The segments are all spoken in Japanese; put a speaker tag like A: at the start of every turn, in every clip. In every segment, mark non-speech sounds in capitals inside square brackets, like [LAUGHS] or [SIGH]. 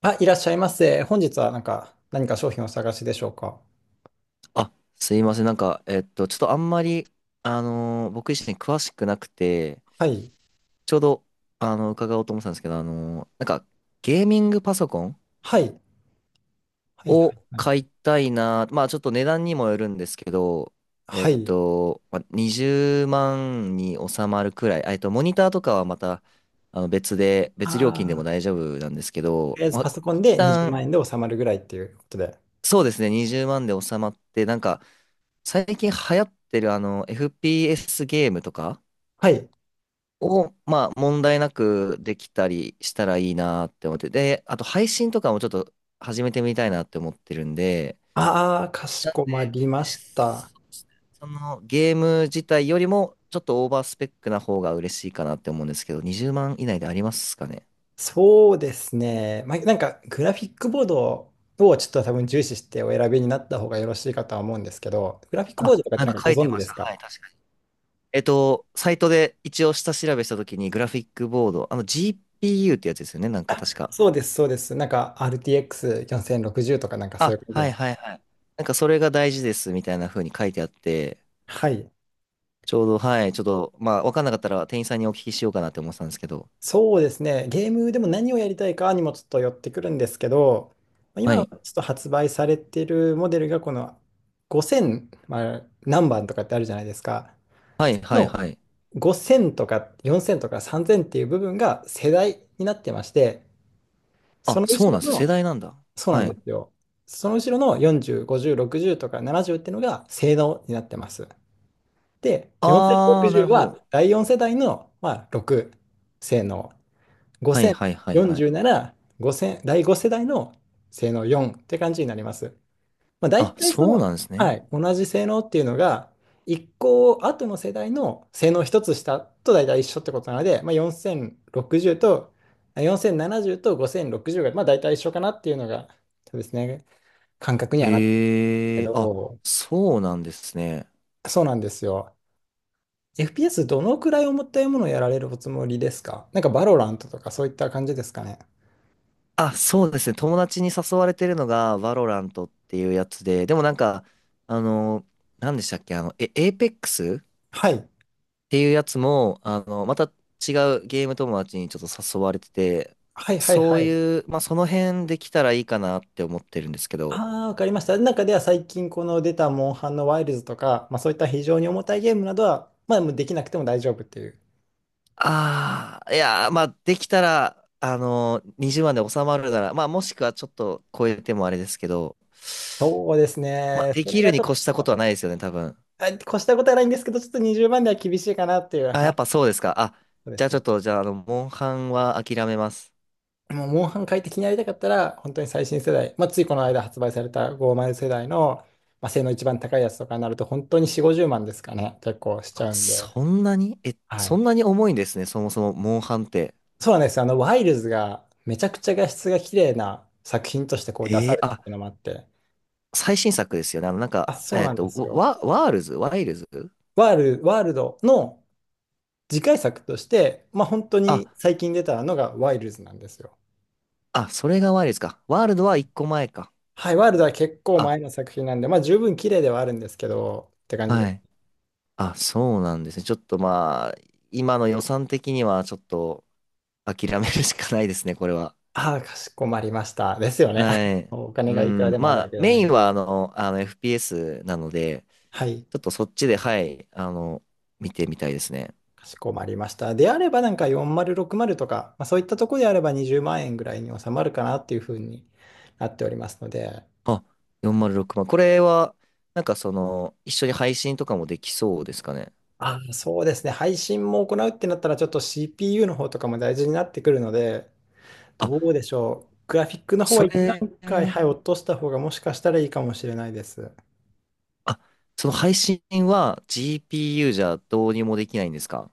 A: あ、いらっしゃいませ。本日はなんか、何か商品をお探しでしょうか。
B: あ、すいません。ちょっとあんまり、僕自身詳しくなくて、
A: はい。
B: ちょうど、伺おうと思ってたんですけど、ゲーミングパソコン
A: はい。はい。は
B: を
A: い。はい。
B: 買いたいな。まあ、ちょっと値段にもよるんですけど、
A: はい。
B: まあ、20万に収まるくらい、モニターとかはまた、別で、別料金でも
A: あ
B: 大丈夫なんですけ
A: ーと
B: ど、
A: りあえず
B: ま
A: パ
B: あ、
A: ソコン
B: 一
A: で20
B: 旦、
A: 万円で収まるぐらいっていうことで。
B: そうですね、20万で収まって、なんか、最近流行ってる、FPS ゲームとか、
A: はい。
B: を、まあ、問題なくできたりしたらいいなって思って、で、あと配信とかもちょっと始めてみたいなって思ってるんで。
A: ああ、かし
B: なん
A: こま
B: で、
A: りました。
B: そうですね、そのゲーム自体よりもちょっとオーバースペックな方が嬉しいかなって思うんですけど、20万以内でありますかね？
A: そうですね。まあ、なんか、グラフィックボードをちょっと多分重視してお選びになった方がよろしいかとは思うんですけど、グラフィックボ
B: あ、
A: ードとかっ
B: な
A: て
B: ん
A: なん
B: か
A: かご
B: 書いて
A: 存知
B: ま
A: で
B: した。
A: すか？
B: はい、確かに。サイトで一応下調べしたときにグラフィックボード、あの GPU ってやつですよね、なんか確か。
A: そうです、そうです。なんか RTX4060 とかなんかそういう
B: あ、
A: 感じ
B: はい
A: の。
B: はいはい。なんかそれが大事ですみたいな風に書いてあって、
A: はい。
B: ちょうど、はい、ちょっと、まあ、わかんなかったら店員さんにお聞きしようかなって思ってたんですけど。
A: そうですね。ゲームでも何をやりたいかにもちょっと寄ってくるんですけど、まあ
B: は
A: 今
B: い。
A: ちょっと発売されているモデルがこの5000、まあ、何番とかってあるじゃないですか。
B: は
A: そ
B: い、はい、
A: の
B: はい。
A: 5000とか4000とか3000っていう部分が世代になってまして、そ
B: あ、
A: の
B: そ
A: 後
B: うな
A: ろ
B: んです。世
A: の、
B: 代なんだ。
A: そうな
B: は
A: ん
B: い。
A: ですよ。その後ろの40、50、60とか70っていうのが性能になってます。で、
B: あー、なる
A: 4060
B: ほ
A: は
B: ど。
A: 第4世代の、まあ、6性能。
B: はい、はい、はい、はい。
A: 5040なら5第5世代の性能4って感じになります。まあ、大
B: あ、
A: 体そ
B: そう
A: の、
B: なんです
A: は
B: ね。
A: い、同じ性能っていうのが一個後の世代の性能一つ下と大体一緒ってことなので、まあ、4060とあ4070と5060がまあ大体一緒かなっていうのがそうですね感覚にはなってるけ
B: へえ、あ、
A: ど
B: そうなんですね。
A: そうなんですよ。FPS どのくらい重たいものをやられるおつもりですか？なんかバロラントとかそういった感じですかね。
B: あ、そうですね。友達に誘われてるのが、バロラントっていうやつで、でもなんか、あの、何でしたっけ、エーペックス
A: はい。
B: ていうやつも、また違うゲーム友達にちょっと誘われてて、
A: はいはい
B: そ
A: は
B: う
A: い。
B: いう、まあ、その辺できたらいいかなって思ってるんですけど。
A: ああ、わかりました。中では最近この出たモンハンのワイルズとか、まあそういった非常に重たいゲームなどは、まあもうできなくても大丈夫っていう。
B: ああ、いやー、まあ、できたら、20万で収まるなら、まあ、もしくはちょっと超えてもあれですけど、
A: そうです
B: まあ、
A: ね。
B: で
A: そ
B: き
A: れ
B: る
A: が
B: に
A: ちょっ
B: 越したこと
A: と、
B: はないですよね、多分。
A: あ越したことはないんですけど、ちょっと20万では厳しいかなっていう。
B: あ、
A: は
B: やっぱ
A: い。
B: そうですか。あ、
A: そうで
B: じゃ
A: す
B: あちょ
A: ね。
B: っと、じゃあ、あの、モンハンは諦めます。
A: もうモンハン快適にやりたかったら、本当に最新世代、まあついこの間発売された50世代の、まあ、性能一番高いやつとかになると、本当に4、50万ですかね。結構しち
B: あ、
A: ゃうんで。
B: そんなにえ、
A: は
B: そ
A: い。
B: んなに重いんですね、そもそも、モンハンって。
A: そうなんですよ。ワイルズがめちゃくちゃ画質が綺麗な作品としてこう出されたっ
B: あ、
A: ていうのもあって、
B: 最新作ですよね。なんか、
A: あ、そうなんですよ。
B: ワールズワイルズ。
A: ワール、ワールドの次回作として、まあ本当に
B: あ、
A: 最近出たのがワイルズなんですよ。
B: あ、それがワイルズか。ワールドは一個前か。
A: はい、ワールドは結構
B: あ、
A: 前の作品なんで、まあ十分綺麗ではあるんですけど、って感じで。
B: はい。あ、そうなんですね。ちょっとまあ、今の予算的にはちょっと諦めるしかないですね、これは。
A: ああ、かしこまりました。ですよね。
B: は
A: [LAUGHS]
B: い。
A: お金
B: う
A: がいくら
B: ん。
A: でも
B: ま
A: あるわ
B: あ、
A: けじゃ
B: メ
A: な
B: イン
A: い。
B: はあの FPS なので、
A: はい、
B: ちょっとそっちで、はい、見てみたいですね。
A: かしこまりました。であればなんか4060とか、まあそういったところであれば20万円ぐらいに収まるかなっていうふうになっておりますので、
B: あ、406万。これは、なんかその、一緒に配信とかもできそうですかね。
A: あ、そうですね。配信も行うってなったら、ちょっと CPU の方とかも大事になってくるので、
B: あ、
A: どうでしょう。グラフィックの方は
B: そ
A: 一段階、はい、
B: れ、
A: 落とした方がもしかしたらいいかもしれないです。
B: あ、その配信は GPU じゃどうにもできないんですか？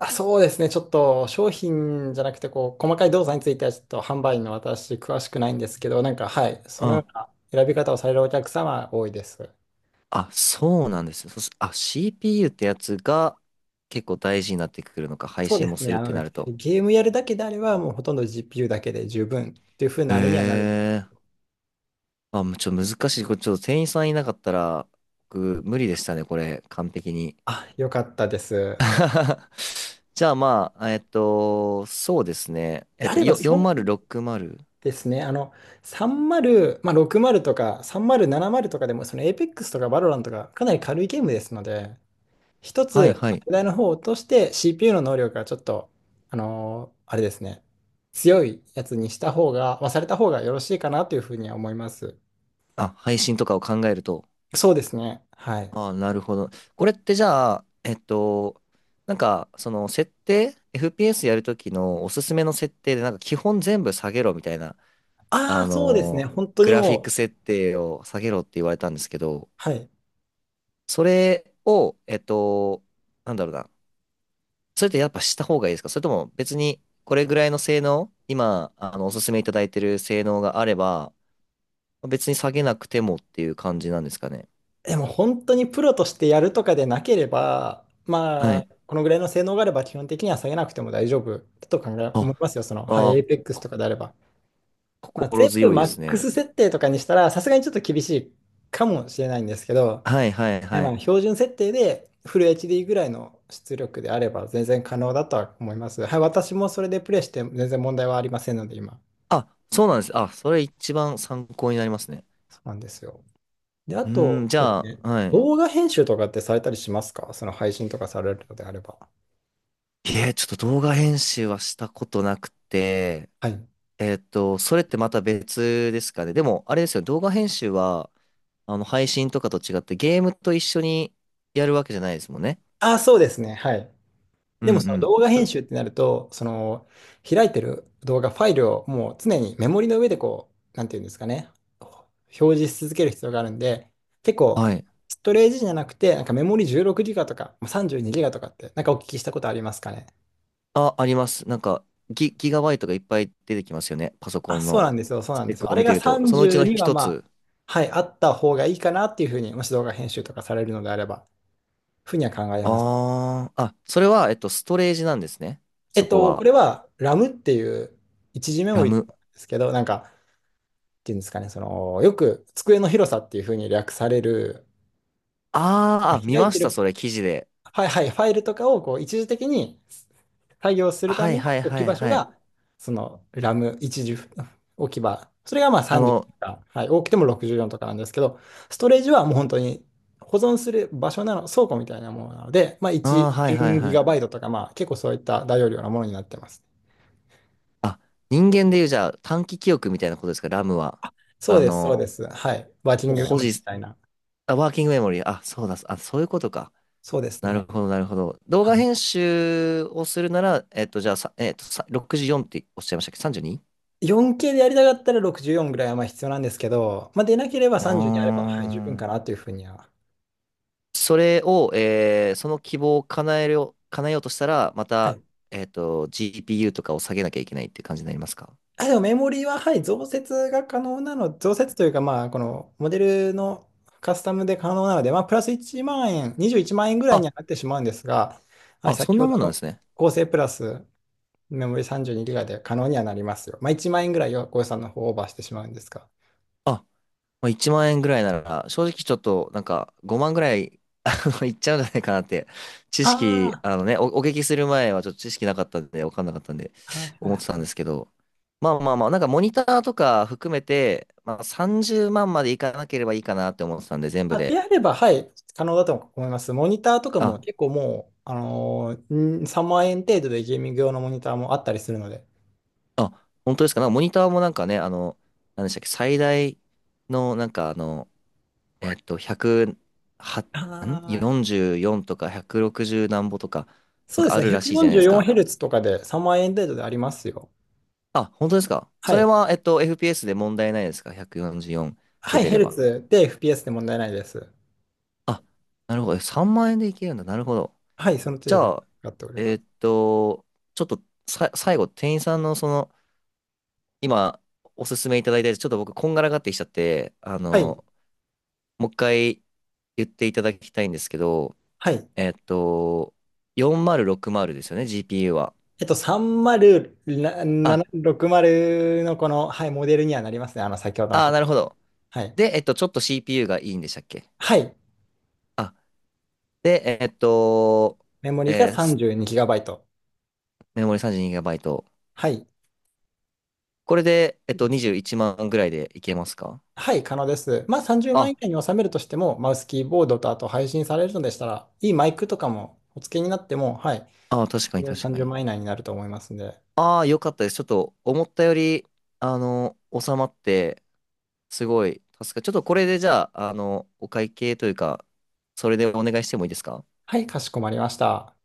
A: あ、そうですね。ちょっと商品じゃなくて、こう、細かい動作についてはちょっと販売員の私、詳しくないんですけど、なんか、はい、そ
B: う
A: のよ
B: ん。
A: うな選び方をされるお客様は多いです。
B: あ、そうなんです。そしあ、CPU ってやつが結構大事になってくるのか、配
A: そうで
B: 信も
A: す
B: す
A: ね。
B: るってなると。
A: ゲームやるだけであれば、もうほとんど GPU だけで十分っていう風なあれにはなる。
B: ええもうちょっと難しい。これちょっと店員さんいなかったら、僕無理でしたね、これ、完璧に。
A: あ、よかったです。
B: [LAUGHS] じゃあまあ、そうですね。
A: であれば、そう
B: 4060？
A: ですね。30、まあ、60とか30、70とかでも、その Apex とか Valorant とかかなり軽いゲームですので、一
B: はい
A: つ、
B: はい。
A: 世代の方を落として CPU の能力がちょっと、あのーあれですね、強いやつにした方が、まあ、された方がよろしいかなというふうには思います。
B: あ、配信とかを考えると。
A: そうですね。はい。
B: ああ、なるほど。これってじゃあ、なんか、その設定、FPS やるときのおすすめの設定で、なんか基本全部下げろみたいな、
A: ああ、そうですね。本当
B: グ
A: に
B: ラフィック
A: もう、
B: 設定を下げろって言われたんですけど、
A: はい。
B: それを、なんだろうな。それってやっぱした方がいいですか？それとも別にこれぐらいの性能、今、おすすめいただいてる性能があれば、別に下げなくてもっていう感じなんですかね。
A: でも本当にプロとしてやるとかでなければ、
B: は
A: まあ、
B: い。
A: このぐらいの性能があれば基本的には下げなくても大丈夫だと考え、
B: あ、
A: 思いますよ。その、はい、
B: あ
A: エイ
B: ー、
A: ペックスと
B: こ
A: かであれば。まあ、
B: 心
A: 全部
B: 強いで
A: マッ
B: す
A: ク
B: ね。
A: ス設定とかにしたら、さすがにちょっと厳しいかもしれないんですけど、
B: はいはい
A: はい
B: は
A: ま
B: い。
A: あ、標準設定でフル HD ぐらいの出力であれば全然可能だとは思います。はい、私もそれでプレイして全然問題はありませんので、今。
B: あ、そうなんです。あ、それ一番参考になりますね。
A: そうなんですよ。で、あ
B: うー
A: と、
B: ん、じ
A: そうで
B: ゃ
A: す
B: あ、
A: ね
B: はい。
A: 動画編集とかってされたりしますか？その配信とかされるのであれば。
B: いえ、ちょっと動画編集はしたことなくて、
A: はい。
B: それってまた別ですかね。でも、あれですよね、動画編集は、配信とかと違ってゲームと一緒にやるわけじゃないですもんね。
A: ああ、そうですね。はい。
B: うん
A: で
B: う
A: も、その
B: ん。
A: 動画編集ってなると、その、開いてる動画、ファイルをもう常にメモリの上でこう、なんていうんですかね、表示し続ける必要があるんで、結構、
B: はい。
A: ストレージじゃなくて、なんかメモリ 16GB とか、まあ 32GB とかって、なんかお聞きしたことありますかね。
B: あ、あります。なんか、ギガバイトがいっぱい出てきますよね。パソコ
A: あ、
B: ン
A: そう
B: の
A: なんですよ、そう
B: ス
A: なん
B: ペ
A: で
B: ッ
A: すよ。
B: ク
A: あ
B: を
A: れ
B: 見て
A: が
B: ると。そのうちの
A: 32は
B: 一
A: まあ、
B: つ。
A: はい、あった方がいいかなっていうふうに、もし動画編集とかされるのであれば、ふうには考えます。
B: ああ、あ、それは、ストレージなんですね。
A: え
B: そ
A: っ
B: こ
A: と、こ
B: は。
A: れはラムっていう一時メモ
B: ラ
A: リなん
B: ム。
A: ですけど、なんか、っていうんですかね、その、よく机の広さっていうふうに略される、
B: あーあ、見
A: 開い
B: ま
A: て
B: した、
A: る、
B: それ、記事で。
A: はいはい、ファイルとかをこう一時的に作業するた
B: はい
A: めの
B: はい
A: 置
B: は
A: き
B: い
A: 場所
B: はい。
A: が、そのラム一時置き場。それがまあ
B: あの、
A: 30とか、はい、多くても64とかなんですけど、ストレージはもう本当に保存する場所なの、倉庫みたいなものなので、まあ
B: ああ、
A: 1
B: はいはい
A: 0ギ
B: は
A: ガ
B: い。
A: バイトとか、まあ結構そういった大容量なものになってます。
B: あ、人間でいう、じゃあ、短期記憶みたいなことですか、ラムは。
A: そう
B: あ
A: です、そう
B: の、
A: です。はい。ワーキングメ
B: 保
A: モリーみ
B: 持、
A: たいな。
B: あ、ワーキングメモリー。あ、そうだ、あ、そういうことか。
A: そうです
B: なる
A: ね。
B: ほど、なるほど。動
A: は
B: 画編集をするなら、じゃあ、64っておっしゃいましたっけ 32？
A: い、4K でやりたかったら64ぐらいはまあ必要なんですけど、まあ、出なければ
B: うにうー
A: 30にあれば、はい、十分か
B: ん。
A: なというふうには。
B: それを、その希望を叶える叶えようとしたら、ま
A: は
B: た、
A: い。
B: GPU とかを下げなきゃいけないって感じになりますか？
A: あ、でもメモリーは、はい、増設が可能なの、増設というか、まあ、このモデルのカスタムで可能なので、まあ、プラス1万円、21万円ぐらいに
B: あ、
A: はなってしまうんですが、はい、
B: あ、そ
A: 先
B: ん
A: ほ
B: な
A: ど
B: もんなんで
A: の
B: すね。
A: 合成プラスメモリー3 2 g ガで可能にはなりますよ。まあ、1万円ぐらいはご予算の方をオーバーしてしまうんですが。
B: あ、まあ、1万円ぐらいなら、正直ちょっと、なんか、5万ぐらい、いっちゃうんじゃないかなって、知識、
A: あ
B: お聞きする前はちょっと知識なかったんで、わかんなかったんで、
A: あ、はい
B: 思っ
A: は
B: てた
A: い
B: んですけど、まあまあまあ、なんかモニターとか含めて、まあ、30万まんまでいかなければいいかなって思ってたんで、全部
A: あ、で
B: で。
A: あれば、はい、可能だと思います。モニターとか
B: あ
A: も結構もう、ん3万円程度でゲーミング用のモニターもあったりするので。
B: あ、本当ですか。なんかモニターもなんかね、何でしたっけ、最大のなんか1は、
A: あ
B: ん
A: あ、
B: ?44 とか160何歩とか、な
A: そ
B: ん
A: うで
B: か
A: す
B: あ
A: ね、
B: るらしいじゃないですか。
A: 144Hz とかで3万円程度でありますよ。
B: あ、本当ですか。
A: は
B: それ
A: い。
B: は、FPS で問題ないですか ?144
A: は
B: 出
A: い、
B: て
A: ヘ
B: れ
A: ル
B: ば。
A: ツで FPS で問題ないです。
B: あ、なるほど。3万円でいけるんだ。なるほど。
A: はい、その
B: じ
A: 程度
B: ゃ
A: で
B: あ、
A: 使っておりま
B: え
A: す。
B: っと、ちょっと最後、店員さんのその、今、おすすめいただいたやつ、ちょっと僕、こんがらがってきちゃって、
A: はい。
B: もう一回言っていただきたいんですけど、
A: はい。
B: えっと、4060ですよね、GPU は。
A: えっと、
B: あ、
A: 3060のこの、はい、モデルにはなりますね。先ほどの
B: あー、
A: こ。
B: なるほど。
A: はい。
B: で、ちょっと CPU がいいんでしたっけ？
A: はい。
B: あ、で、えっと、
A: メモリが
B: えーす
A: 32GB。
B: メモリ 32GB。
A: はい。
B: これで、21万ぐらいでいけますか？
A: はい、可能です。まあ、30万円
B: あ、
A: 以内に収めるとしても、マウスキーボードとあと配信されるのでしたら、いいマイクとかもお付けになっても、はい、
B: あー、確かに確か
A: 30
B: に。
A: 万円以内になると思いますんで。
B: ああ、よかったです。ちょっと、思ったより、収まって、すごい、ちょっとこれでじゃあ、お会計というか、それでお願いしてもいいですか？
A: はい、かしこまりました。